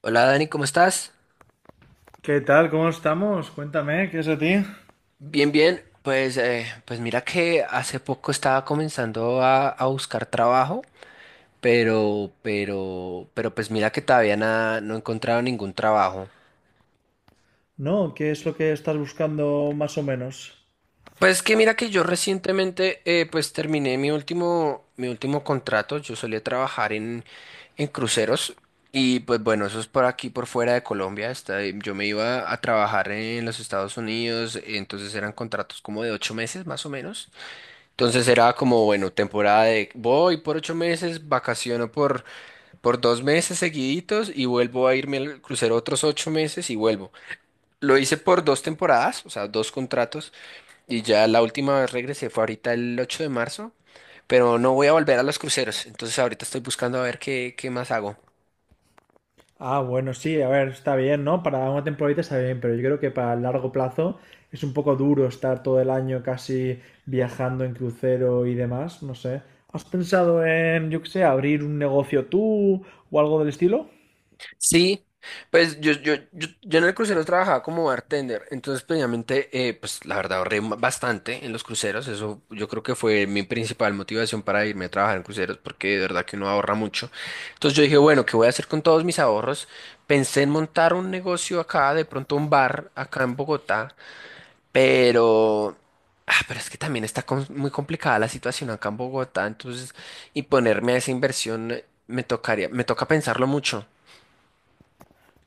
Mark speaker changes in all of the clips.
Speaker 1: Hola Dani, ¿cómo estás?
Speaker 2: ¿Qué tal? ¿Cómo estamos? Cuéntame, ¿qué es de ti?
Speaker 1: Bien, bien. Pues mira que hace poco estaba comenzando a buscar trabajo, pero pues mira que todavía nada, no he encontrado ningún trabajo.
Speaker 2: No, ¿qué es lo que estás buscando más o menos?
Speaker 1: Pues que mira que yo recientemente pues terminé mi último contrato. Yo solía trabajar en cruceros y pues bueno, eso es por aquí, por fuera de Colombia. Yo me iba a trabajar en los Estados Unidos, entonces eran contratos como de 8 meses más o menos. Entonces era como, bueno, temporada de voy por 8 meses, vacaciono por 2 meses seguiditos y vuelvo a irme al crucero otros 8 meses y vuelvo. Lo hice por dos temporadas, o sea, dos contratos. Y ya la última vez regresé fue ahorita el 8 de marzo, pero no voy a volver a los cruceros. Entonces ahorita estoy buscando a ver qué más hago.
Speaker 2: Ah, bueno, sí, a ver, está bien, ¿no? Para una temporadita está bien, pero yo creo que para el largo plazo es un poco duro estar todo el año casi viajando en crucero y demás, no sé. ¿Has pensado en, yo qué sé, abrir un negocio tú o algo del estilo?
Speaker 1: Sí, pues yo en el crucero trabajaba como bartender, entonces precisamente, pues la verdad ahorré bastante en los cruceros, eso yo creo que fue mi principal motivación para irme a trabajar en cruceros, porque de verdad que uno ahorra mucho. Entonces yo dije, bueno, ¿qué voy a hacer con todos mis ahorros? Pensé en montar un negocio acá, de pronto un bar acá en Bogotá, pero... Ah, pero es que también está muy complicada la situación acá en Bogotá, entonces, y ponerme a esa inversión me toca pensarlo mucho.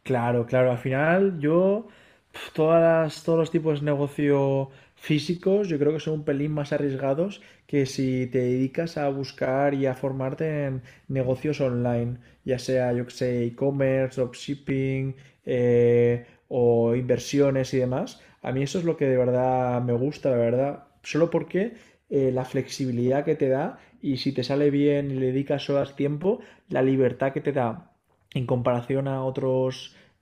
Speaker 2: Claro, claro. Al final, yo, pf, todas las- todos los tipos de negocio físicos, yo creo que son un pelín más arriesgados que si te dedicas a buscar y a formarte en negocios online, ya sea, yo que sé, e-commerce, dropshipping, o inversiones y demás. A mí eso es lo que de verdad me gusta, la verdad. Solo porque la flexibilidad que te da y si te sale bien y le dedicas horas tiempo, la libertad que te da en comparación a otros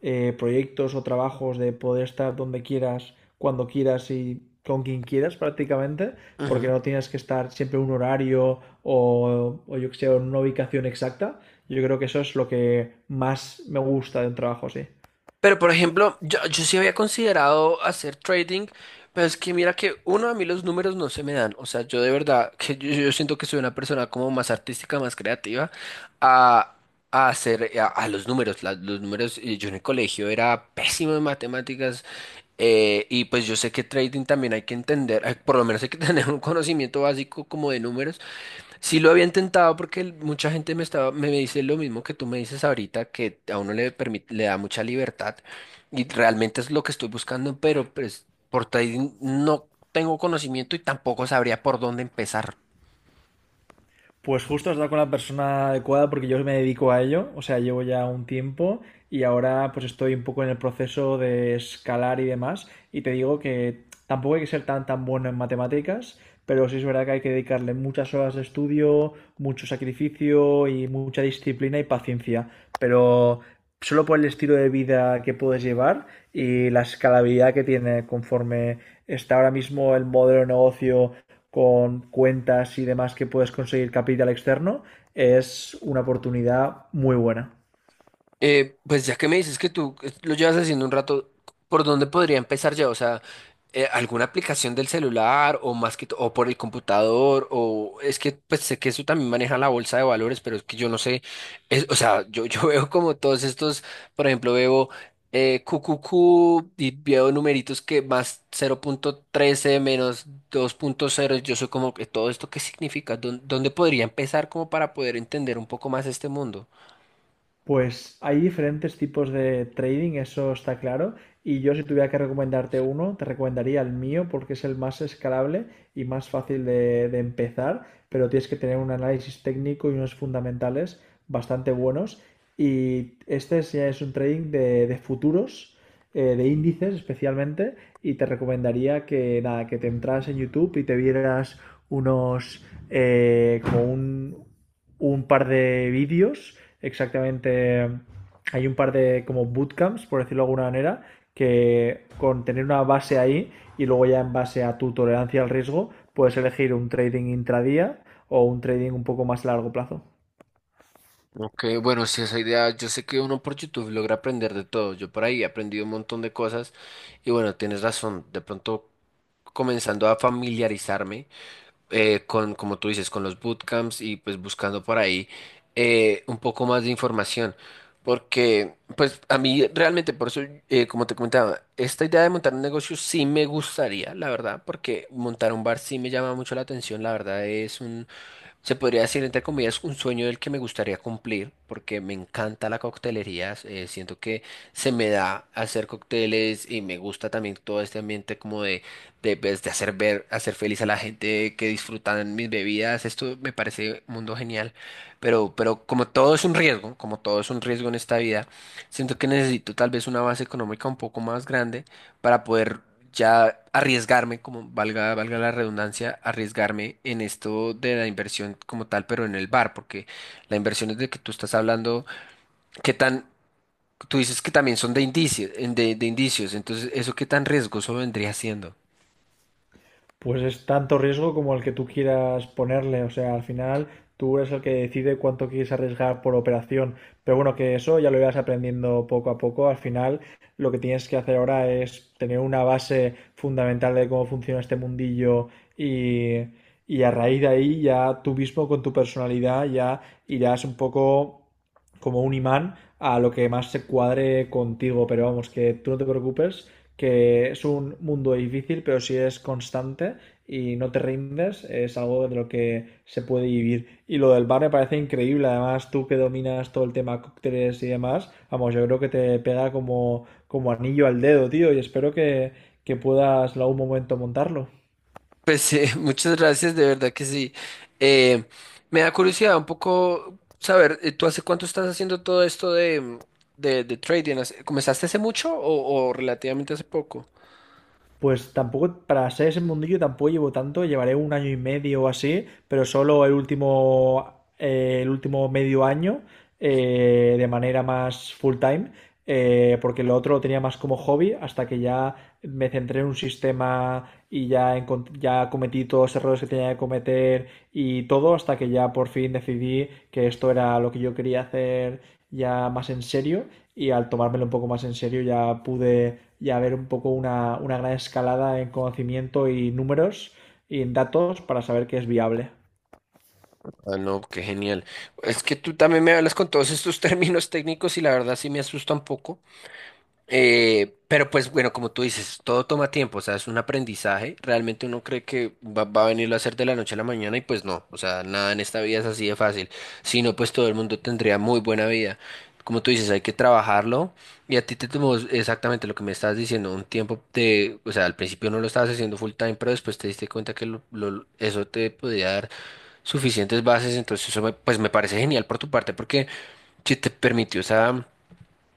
Speaker 2: proyectos o trabajos de poder estar donde quieras, cuando quieras y con quien quieras prácticamente, porque
Speaker 1: Ujú.
Speaker 2: no tienes que estar siempre en un horario o yo que sé, en una ubicación exacta. Yo creo que eso es lo que más me gusta de un trabajo así.
Speaker 1: Pero por ejemplo, yo sí había considerado hacer trading, pero es que mira que uno a mí los números no se me dan. O sea, yo de verdad que yo siento que soy una persona como más artística, más creativa a, a los números. Los números, yo en el colegio era pésimo en matemáticas y pues yo sé que trading también hay que entender, por lo menos hay que tener un conocimiento básico como de números. Sí lo había intentado porque mucha gente me dice lo mismo que tú me dices ahorita, que a uno le permite, le da mucha libertad y realmente es lo que estoy buscando, pero pues por trading no tengo conocimiento y tampoco sabría por dónde empezar.
Speaker 2: Pues justo has dado con la persona adecuada porque yo me dedico a ello, o sea, llevo ya un tiempo y ahora pues estoy un poco en el proceso de escalar y demás y te digo que tampoco hay que ser tan tan bueno en matemáticas, pero sí es verdad que hay que dedicarle muchas horas de estudio, mucho sacrificio y mucha disciplina y paciencia, pero solo por el estilo de vida que puedes llevar y la escalabilidad que tiene conforme está ahora mismo el modelo de negocio con cuentas y demás que puedes conseguir capital externo, es una oportunidad muy buena.
Speaker 1: Pues ya que me dices que tú lo llevas haciendo un rato, ¿por dónde podría empezar ya? O sea, ¿alguna aplicación del celular o más o por el computador? O es que pues sé que eso también maneja la bolsa de valores, pero es que yo no sé, o sea, yo veo como todos estos, por ejemplo, veo QQQ y veo numeritos que más 0,13 menos 2,0, yo soy como que todo esto, ¿qué significa? ¿Dónde podría empezar como para poder entender un poco más este mundo?
Speaker 2: Pues hay diferentes tipos de trading, eso está claro. Y yo si tuviera que recomendarte uno, te recomendaría el mío porque es el más escalable y más fácil de empezar, pero tienes que tener un análisis técnico y unos fundamentales bastante buenos. Y este es- ya es un trading de futuros, de índices especialmente, y te recomendaría que nada, que te entras en YouTube y te vieras como un par de vídeos exactamente. Hay un par de como bootcamps, por decirlo de alguna manera, que con tener una base ahí y luego ya en base a tu tolerancia al riesgo, puedes elegir un trading intradía o un trading un poco más a largo plazo.
Speaker 1: Ok, bueno, sí, esa idea, yo sé que uno por YouTube logra aprender de todo, yo por ahí he aprendido un montón de cosas y bueno, tienes razón, de pronto comenzando a familiarizarme con, como tú dices, con los bootcamps y pues buscando por ahí un poco más de información, porque pues a mí realmente, por eso, como te comentaba, esta idea de montar un negocio sí me gustaría, la verdad, porque montar un bar sí me llama mucho la atención, la verdad es un, se podría decir, entre comillas, un sueño del que me gustaría cumplir, porque me encanta la coctelería. Siento que se me da hacer cócteles y me gusta también todo este ambiente como de, pues, de hacer ver, hacer feliz a la gente que disfrutan mis bebidas. Esto me parece un mundo genial, pero como todo es un riesgo, como todo es un riesgo en esta vida, siento que necesito tal vez una base económica un poco más grande para poder ya arriesgarme, como valga, valga la redundancia, arriesgarme en esto de la inversión como tal, pero en el bar, porque la inversión es de que tú estás hablando, qué tan, tú dices que también son de indicios, de indicios, entonces eso qué tan riesgoso vendría siendo.
Speaker 2: Pues es tanto riesgo como el que tú quieras ponerle. O sea, al final tú eres el que decide cuánto quieres arriesgar por operación. Pero bueno, que eso ya lo irás aprendiendo poco a poco. Al final, lo que tienes que hacer ahora es tener una base fundamental de cómo funciona este mundillo y, y a raíz de ahí ya tú mismo con tu personalidad ya irás un poco como un imán a lo que más se cuadre contigo. Pero vamos, que tú no te preocupes, que es un mundo difícil, pero si es constante y no te rindes, es algo de lo que se puede vivir. Y lo del bar me parece increíble. Además, tú que dominas todo el tema cócteles y demás, vamos, yo creo que te pega como, como anillo al dedo, tío, y espero que puedas en algún momento montarlo.
Speaker 1: Pues muchas gracias, de verdad que sí. Eh, Me da curiosidad un poco saber, ¿tú hace cuánto estás haciendo todo esto de trading? ¿Comenzaste hace mucho o relativamente hace poco?
Speaker 2: Pues tampoco, para ser ese mundillo tampoco llevo tanto, llevaré un año y medio o así, pero solo el último medio año de manera más full time, porque lo otro lo tenía más como hobby hasta que ya me centré en un sistema y ya, ya cometí todos los errores que tenía que cometer y todo hasta que ya por fin decidí que esto era lo que yo quería hacer ya más en serio y al tomármelo un poco más en serio ya pude ya ver un poco una gran escalada en conocimiento y números y en datos para saber que es viable.
Speaker 1: Ah, no, qué genial. Es que tú también me hablas con todos estos términos técnicos y la verdad sí me asusta un poco. Pero pues bueno, como tú dices, todo toma tiempo, o sea, es un aprendizaje. Realmente uno cree que va a venirlo a hacer de la noche a la mañana y pues no, o sea, nada en esta vida es así de fácil. Si no, pues todo el mundo tendría muy buena vida. Como tú dices, hay que trabajarlo y a ti te tomó exactamente lo que me estabas diciendo, un tiempo de, o sea, al principio no lo estabas haciendo full time, pero después te diste cuenta que eso te podía dar suficientes bases, entonces pues me parece genial por tu parte porque si te permitió esa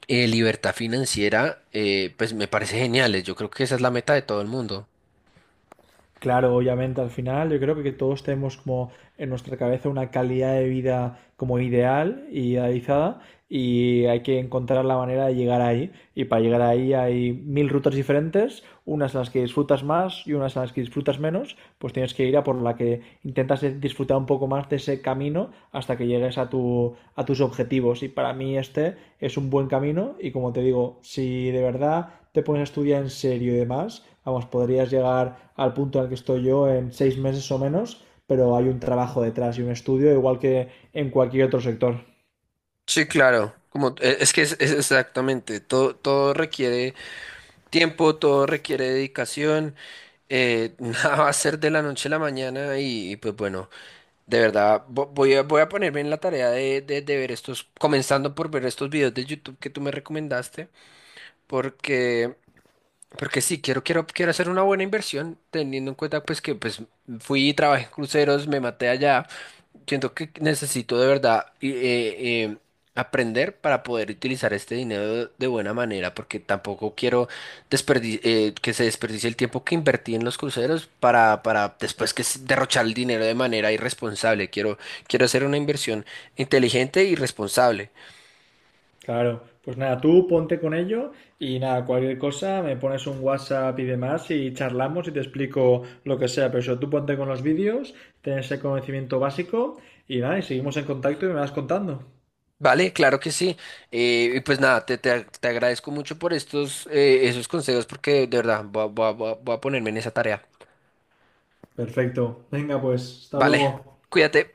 Speaker 1: libertad financiera, pues me parece genial. Yo creo que esa es la meta de todo el mundo.
Speaker 2: Claro, obviamente al final yo creo que todos tenemos como en nuestra cabeza una calidad de vida como ideal y idealizada y hay que encontrar la manera de llegar ahí. Y para llegar ahí hay mil rutas diferentes, unas en las que disfrutas más y unas en las que disfrutas menos, pues tienes que ir a por la que intentas disfrutar un poco más de ese camino hasta que llegues a tus objetivos. Y para mí este es un buen camino y como te digo, si de verdad te pones a estudiar en serio y demás, vamos, podrías llegar al punto al que estoy yo en 6 meses o menos, pero hay un trabajo detrás y un estudio igual que en cualquier otro sector.
Speaker 1: Sí, claro. Como, es que es, exactamente, todo, todo requiere tiempo, todo requiere dedicación, nada va a ser de la noche a la mañana y pues bueno, de verdad voy a ponerme en la tarea de ver estos, comenzando por ver estos videos de YouTube que tú me recomendaste, porque, porque sí, quiero hacer una buena inversión, teniendo en cuenta pues que pues fui y trabajé en cruceros, me maté allá. Siento que necesito de verdad y, aprender para poder utilizar este dinero de buena manera, porque tampoco quiero que se desperdicie el tiempo que invertí en los cruceros para después derrochar el dinero de manera irresponsable. Quiero hacer una inversión inteligente y responsable.
Speaker 2: Claro, pues nada, tú ponte con ello y nada, cualquier cosa, me pones un WhatsApp y demás y charlamos y te explico lo que sea, pero eso, tú ponte con los vídeos, ten ese conocimiento básico y nada, y seguimos en contacto y me vas contando.
Speaker 1: Vale, claro que sí. Y pues nada, te agradezco mucho por estos esos consejos, porque de verdad voy a ponerme en esa tarea.
Speaker 2: Perfecto, venga pues, hasta
Speaker 1: Vale,
Speaker 2: luego.
Speaker 1: cuídate.